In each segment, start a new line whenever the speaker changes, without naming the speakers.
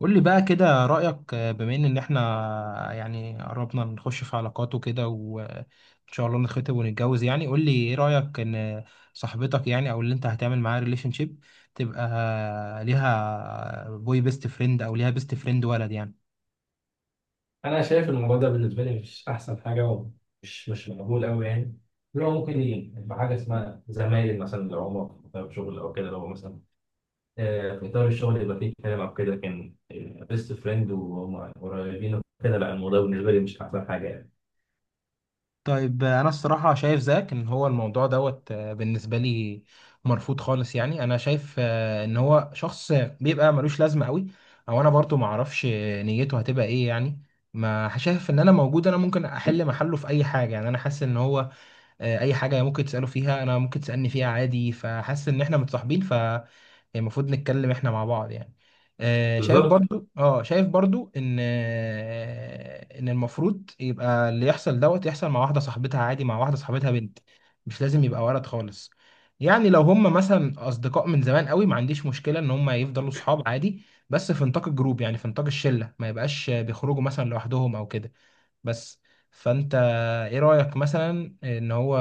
قول لي بقى كده رأيك، بما إن احنا يعني قربنا نخش في علاقات وكده، وان شاء الله نتخطب ونتجوز. يعني قول لي ايه رأيك ان صاحبتك، يعني او اللي انت هتعمل معاها ريليشن شيب، تبقى ليها بوي بيست فريند او ليها بيست فريند ولد يعني.
انا شايف الموضوع ده بالنسبه لي مش احسن حاجه، ومش مش مقبول قوي يعني. اللي هو ممكن يبقى حاجه اسمها زمايل مثلا لو هما في إطار شغل او كده. لو مثلا في اطار الشغل يبقى فيه كلام او كده، لكن بيست فريند وهم قريبين وكده لا. الموضوع بالنسبه لي مش احسن حاجه يعني.
طيب انا الصراحه شايف زيك ان هو الموضوع دوت، بالنسبه لي مرفوض خالص. يعني انا شايف ان هو شخص بيبقى ملوش لازمه قوي، او انا برضو ما اعرفش نيته هتبقى ايه يعني. ما شايف ان انا موجود، انا ممكن احل محله في اي حاجه يعني. انا حاسس ان هو اي حاجه ممكن تساله فيها انا ممكن تسالني فيها عادي، فحاسس ان احنا متصاحبين يعني، المفروض نتكلم احنا مع بعض يعني. شايف بالظبط.
بالظبط.
برضو اه شايف برضو ان ان المفروض يبقى اللي يحصل دوت يحصل مع واحده صاحبتها عادي، مع واحده صاحبتها بنت. مش لازم يبقى ولد خالص. يعني لو هم مثلا اصدقاء من زمان قوي، ما عنديش مشكله ان هم يفضلوا صحاب عادي، بس في نطاق الجروب، يعني في نطاق الشله، ما يبقاش بيخرجوا مثلا لوحدهم او كده. بس فانت ايه رأيك مثلا ان هو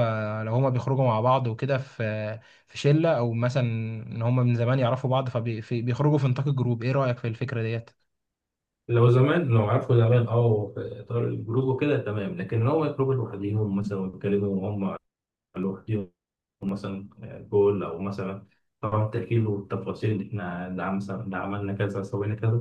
لو هما بيخرجوا مع بعض وكده في في شلة، او مثلا ان هما من زمان يعرفوا بعض فبيخرجوا في نطاق الجروب، ايه رأيك في الفكرة ديت؟
لو زمان، لو عارفوا زمان، اه في اطار الجروب وكده تمام، لكن لو هما يخرجوا لوحديهم مثلا ويتكلموا وهم لوحديهم، مثلا جول او مثلا، طبعا التأكيد والتفاصيل اللي احنا اللي عملنا كذا سوينا كذا.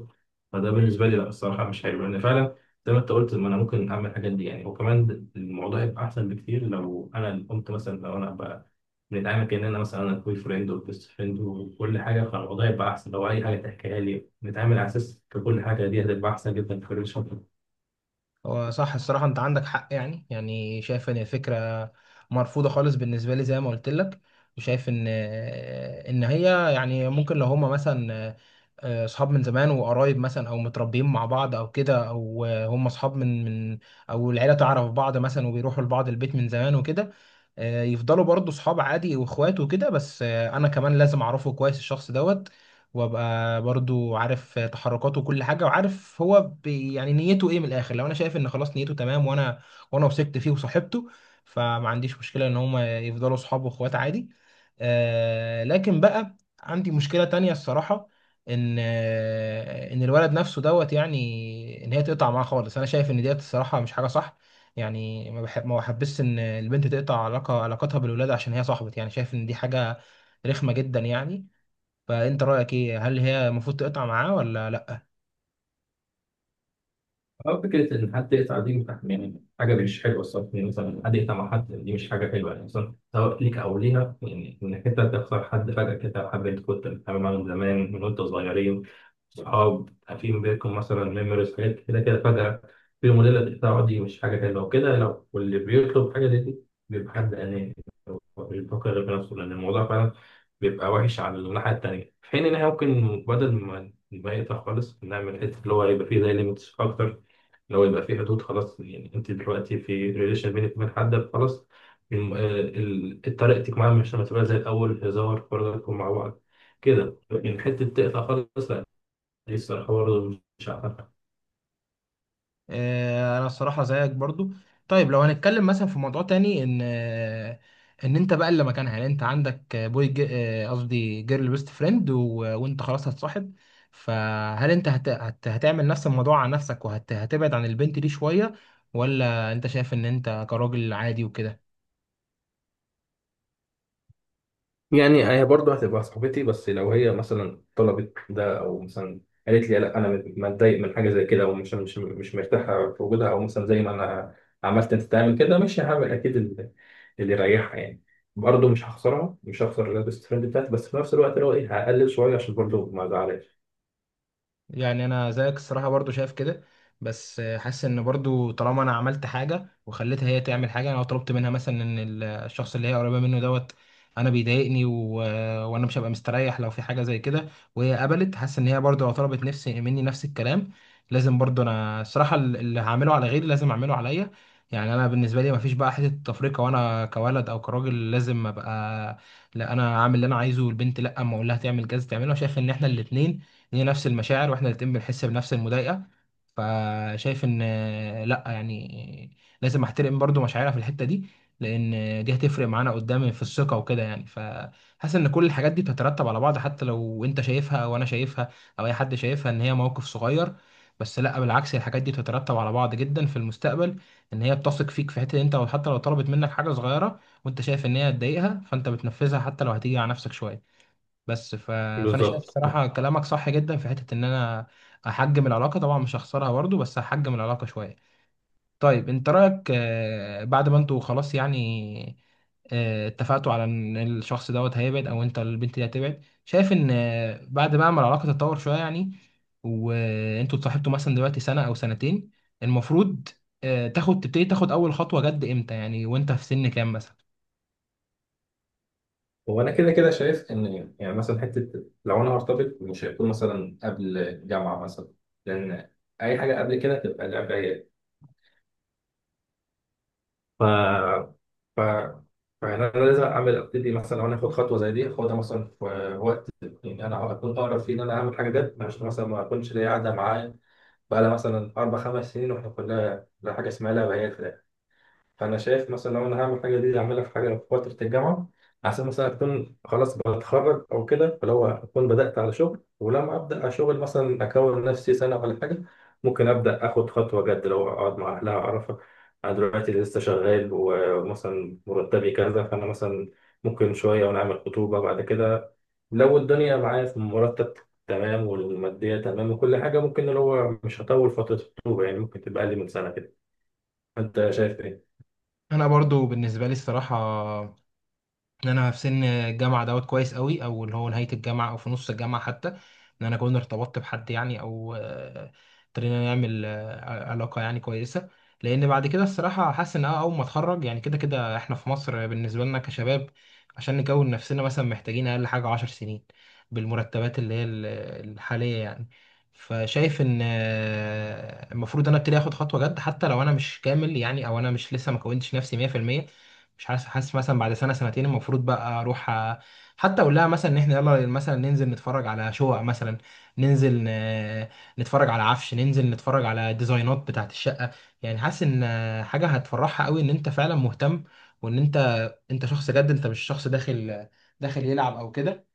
فده بالنسبه لي لا، الصراحه مش حلو، لان فعلا زي ما انت قلت، ما انا ممكن اعمل الحاجات دي يعني. وكمان الموضوع يبقى احسن بكتير لو انا اللي قمت، مثلا لو انا بقى بنتعامل كاننا مثلا انا كوي فريند وبيست فريند وكل حاجه، فالوضع يبقى احسن. لو اي حاجه تحكيها لي نتعامل على اساس كل حاجه، دي هتبقى احسن جدا في الريليشن.
هو صح الصراحة أنت عندك حق. يعني يعني شايف إن الفكرة مرفوضة خالص بالنسبة لي زي ما قلت لك. وشايف إن إن هي يعني ممكن لو هما مثلا أصحاب من زمان وقرايب، مثلا أو متربيين مع بعض أو كده، أو هما أصحاب من، أو العيلة تعرف بعض مثلا وبيروحوا لبعض البيت من زمان وكده، يفضلوا برضه صحاب عادي وإخوات وكده. بس أنا كمان لازم أعرفه كويس الشخص دوت، وابقى برضو عارف تحركاته وكل حاجه، وعارف هو بي يعني نيته ايه من الاخر. لو انا شايف ان خلاص نيته تمام، وانا وثقت فيه وصاحبته، فما عنديش مشكله ان هما يفضلوا صحاب واخوات عادي. آه، لكن بقى عندي مشكله تانية الصراحه، ان ان الولد نفسه دوت، يعني ان هي تقطع معاه خالص، انا شايف ان ديت الصراحه مش حاجه صح. يعني ما بحبش ان البنت تقطع علاقه علاقتها بالولاد عشان هي صاحبت. يعني شايف ان دي حاجه رخمه جدا يعني. فانت رايك ايه، هل هي المفروض تقطع معاه ولا لا؟
أه، فكرة إن حد يقطع دي يعني حاجة مش حلوة الصراحة. يعني مثلا حد يقطع مع حد، دي مش حاجة حلوة يعني، مثلا سواء ليك أو ليها. يعني إنك أنت تخسر حد فجأة كده، حد أنت كنت بتتعامل معاه من زمان، وأنت صغيرين صحاب. في ما بينكم مثلا ميموريز حاجات كده كده، فجأة في موديل تقطعه، دي مش حاجة حلوة وكده. واللي بيطلب حاجة زي دي بيبقى حد أناني، هو مش بيفكر غير في نفسه. لأن الموضوع فعلا بيبقى وحش على الناحية التانية، في حين إن إحنا ممكن بدل ما يقطع خالص، نعمل حتة اللي هو يبقى فيه زي ليميتس أكتر. لو يبقى في حدود خلاص يعني، انت دلوقتي في ريليشن بينك وبين حد، خلاص طريقتك معاه مش هتبقى زي الاول، هزار فرجكم مع بعض كده. لكن حته تقطع خالص لا. دي الصراحه برضه مش عارف.
انا الصراحه زيك برضو. طيب لو هنتكلم مثلا في موضوع تاني، ان ان انت بقى اللي مكانها، يعني انت عندك قصدي جيرل بيست فريند، وانت خلاص هتصاحب. فهل انت هت... هت... هتعمل نفس الموضوع على نفسك، وهتبعد هتبعد عن البنت دي شويه، ولا انت شايف ان انت كراجل عادي وكده؟
يعني هي برضه هتبقى صاحبتي، بس لو هي مثلا طلبت ده، او مثلا قالت لي لا انا متضايق من حاجه زي كده، ومش مش مش مرتاحه في وجودها، او مثلا زي ما انا عملت انت تعمل كده، مش هعمل اكيد اللي يريحها يعني. برضه مش هخسرها، مش هخسر البيست فريند بتاعتي، بس في نفس الوقت اللي هو ايه، هقلل شويه عشان برضه ما ازعلهاش.
يعني انا زيك الصراحه برضو شايف كده، بس حاسس ان برضو طالما انا عملت حاجه وخليتها هي تعمل حاجه، انا لو طلبت منها مثلا ان الشخص اللي هي قريبه منه دوت انا بيضايقني وانا مش هبقى مستريح لو في حاجه زي كده، وهي قبلت، حاسس ان هي برضو لو طلبت نفسي مني نفس الكلام، لازم برضو انا الصراحه اللي هعمله على غيري لازم اعمله عليا. يعني انا بالنسبه لي مفيش بقى حته تفرقه، وانا كولد او كراجل لازم ابقى لا انا عامل اللي انا عايزه والبنت لا، اما اقول لها تعمل كذا تعمله. أنا شايف ان احنا الاتنين هي نفس المشاعر، واحنا الاتنين بنحس بنفس المضايقه. فشايف ان لا، يعني لازم احترم برضو مشاعرها في الحته دي، لان دي هتفرق معانا قدام في الثقه وكده يعني. فحاسس ان كل الحاجات دي بتترتب على بعض، حتى لو انت شايفها او انا شايفها او اي حد شايفها ان هي موقف صغير. بس لا بالعكس، الحاجات دي بتترتب على بعض جدا في المستقبل، ان هي بتثق فيك في حته انت، وحتى لو طلبت منك حاجه صغيره وانت شايف ان هي هتضايقها فانت بتنفذها حتى لو هتيجي على نفسك شويه. بس ف... فانا شايف
بالظبط، اه.
الصراحه كلامك صح جدا، في حته ان انا احجم العلاقه. طبعا مش هخسرها برضه، بس هحجم العلاقه شويه. طيب انت رايك بعد ما انتوا خلاص يعني اتفقتوا على ان الشخص دوت هيبعد او انت البنت دي هتبعد، شايف ان بعد بقى ما العلاقه تتطور شويه يعني وانتوا اتصاحبتوا مثلا دلوقتي سنه او سنتين، المفروض تاخد تبتدي تاخد اول خطوه جد امتى يعني، وانت في سن كام مثلا؟
وانا كده كده شايف ان يعني، مثلا حته لو انا هرتبط مش هيكون مثلا قبل جامعه مثلا. لان اي حاجه قبل كده تبقى لعب عيال. ف... فانا لازم ابتدي مثلا. لو انا اخد خطوه زي دي اخدها مثلا في وقت يعني انا اكون اقرب فيه، ان انا اعمل حاجه جد، عشان مثلا ما اكونش ليا قاعده معايا بقى لها مثلا 4 5 سنين واحنا كلها لا، حاجه اسمها لا بيات. فانا شايف مثلا لو انا هعمل حاجه دي، اعملها في حاجه في فتره الجامعه، عشان مثلا اكون خلاص بتخرج او كده. فلو هو اكون بدات على شغل، ولما ابدا على شغل مثلا اكون نفسي سنه ولا حاجه، ممكن ابدا اخد خطوه جد، لو اقعد مع اهلها اعرفها. انا دلوقتي لسه شغال ومثلا مرتبي كذا، فانا مثلا ممكن شويه، ونعمل خطوبه بعد كده. لو الدنيا معايا في مرتب تمام، والماديه تمام، وكل حاجه ممكن اللي هو مش هطول فتره الخطوبه يعني، ممكن تبقى اقل من سنه كده. انت شايف ايه؟
انا برضو بالنسبه لي الصراحه ان انا في سن الجامعه دوت كويس قوي، او اللي هو نهايه الجامعه او في نص الجامعه حتى، ان انا كنت ارتبطت بحد، يعني او ابتدينا نعمل علاقه يعني كويسه. لان بعد كده الصراحه حاسس ان أنا اول ما اتخرج، يعني كده كده احنا في مصر بالنسبه لنا كشباب عشان نكون نفسنا مثلا محتاجين اقل حاجه عشر سنين بالمرتبات اللي هي الحاليه يعني. فشايف ان المفروض انا ابتدي اخد خطوه جد، حتى لو انا مش كامل يعني، او انا مش لسه ما كونتش نفسي 100%. مش حاسس حاسس مثلا بعد سنه سنتين المفروض بقى اروح حتى اقول لها مثلا ان احنا يلا مثلا ننزل نتفرج على شقق مثلا، ننزل نتفرج على عفش، ننزل نتفرج على ديزاينات بتاعت الشقه. يعني حاسس ان حاجه هتفرحها قوي ان انت فعلا مهتم، وان انت انت شخص جد، انت مش شخص داخل يلعب او كده.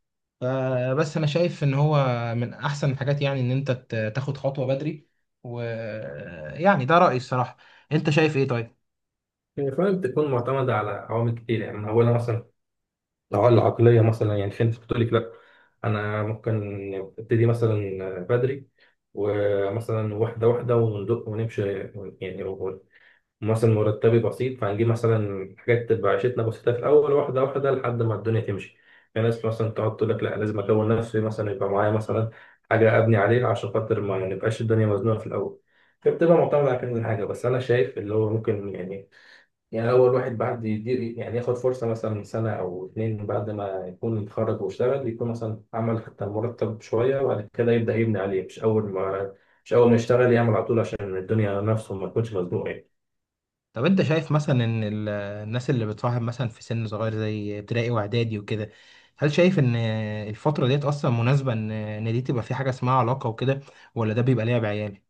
فبس انا شايف ان هو من احسن الحاجات يعني ان انت تاخد خطوه بدري، ويعني ده رايي الصراحه. انت شايف ايه طيب؟
هي فعلا بتكون معتمدة على عوامل كتير يعني، من أولها مثلا لو العقلية. مثلا يعني في ناس بتقول لك لأ، أنا ممكن أبتدي مثلا بدري، ومثلا واحدة واحدة وندق ونمشي يعني. مثلا مرتبي بسيط، فهنجيب مثلا حاجات تبقى عيشتنا بسيطة في الأول، واحدة واحدة لحد ما الدنيا تمشي. في ناس مثلا تقعد تقول لك لأ، لازم أكون نفسي مثلا، يبقى معايا مثلا حاجة أبني عليها، عشان خاطر ما نبقاش الدنيا مزنوقة في الأول. فبتبقى معتمدة على كذا حاجة. بس أنا شايف اللي هو ممكن يعني لو الواحد بعد يدير يعني، ياخد فرصة مثلا سنة أو اتنين بعد ما يكون اتخرج واشتغل، يكون مثلا عمل حتى مرتب شوية، وبعد كده يبدأ يبني عليه. مش أول ما يشتغل يعمل على طول، عشان الدنيا على نفسه ما يكونش مزنوق.
طب انت شايف مثلا ان الناس اللي بتصاحب مثلا في سن صغير زي ابتدائي واعدادي وكده، هل شايف ان الفترة ديت اصلا مناسبة ان دي تبقى في حاجة اسمها علاقة وكده، ولا ده بيبقى لعب عيال؟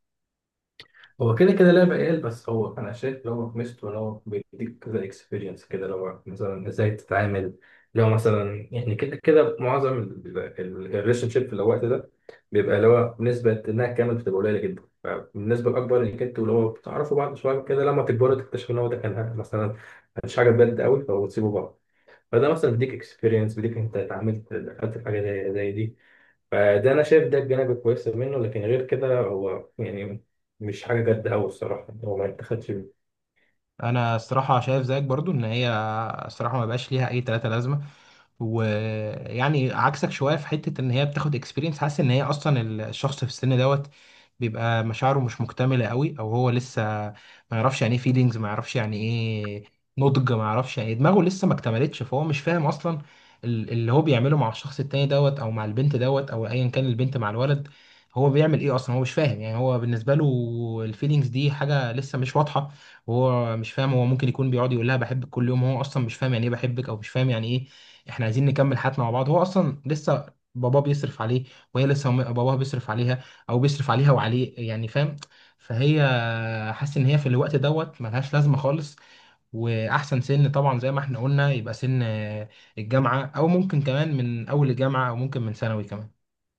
هو كده كده لعبة عيال، بس هو أنا شايف اللي هو ميزته إن هو بيديك كذا إكسبيرينس كده، اللي هو مثلا إزاي تتعامل. اللي هو مثلا يعني كده كده، معظم الريليشن شيب في الوقت ده بيبقى اللي هو بنسبة إنها كامل بتبقى قليلة جدا، فالنسبة الأكبر إنك أنت واللي هو بتعرفوا بعض شوية كده، لما تكبروا تكتشفوا إن هو ده كان مثلا مش حاجة بجد قوي فبتسيبوا بعض. فده مثلا بيديك إكسبيرينس، بيديك أنت اتعاملت دخلت في حاجة زي دي. فده انا شايف ده الجانب الكويس منه، لكن غير كده هو يعني مش حاجه جد قوي الصراحه، هو ما اتخذش.
انا الصراحه شايف زيك برضو ان هي الصراحه ما بقاش ليها اي تلاتة لازمه. ويعني عكسك شويه في حته ان هي بتاخد اكسبيرينس، حاسس ان هي اصلا الشخص في السن دوت بيبقى مشاعره مش مكتمله قوي، او هو لسه ما يعرفش يعني ايه فيلينجز، ما يعرفش يعني ايه نضج، ما يعرفش يعني دماغه لسه ما اكتملتش. فهو مش فاهم اصلا اللي هو بيعمله مع الشخص التاني دوت، او مع البنت دوت، او ايا كان البنت مع الولد، هو بيعمل ايه اصلا. هو مش فاهم يعني، هو بالنسبه له الفيلينجز دي حاجه لسه مش واضحه، وهو مش فاهم. هو ممكن يكون بيقعد يقول لها بحبك كل يوم، هو اصلا مش فاهم يعني ايه بحبك، او مش فاهم يعني ايه احنا عايزين نكمل حياتنا مع بعض. هو اصلا لسه باباه بيصرف عليه، وهي لسه باباها بيصرف عليها، او بيصرف عليها وعليه يعني، فاهم. فهي حاسس ان هي في الوقت دوت ملهاش لازمه خالص. واحسن سن طبعا زي ما احنا قلنا يبقى سن الجامعه، او ممكن كمان من اول الجامعه، او ممكن من ثانوي كمان.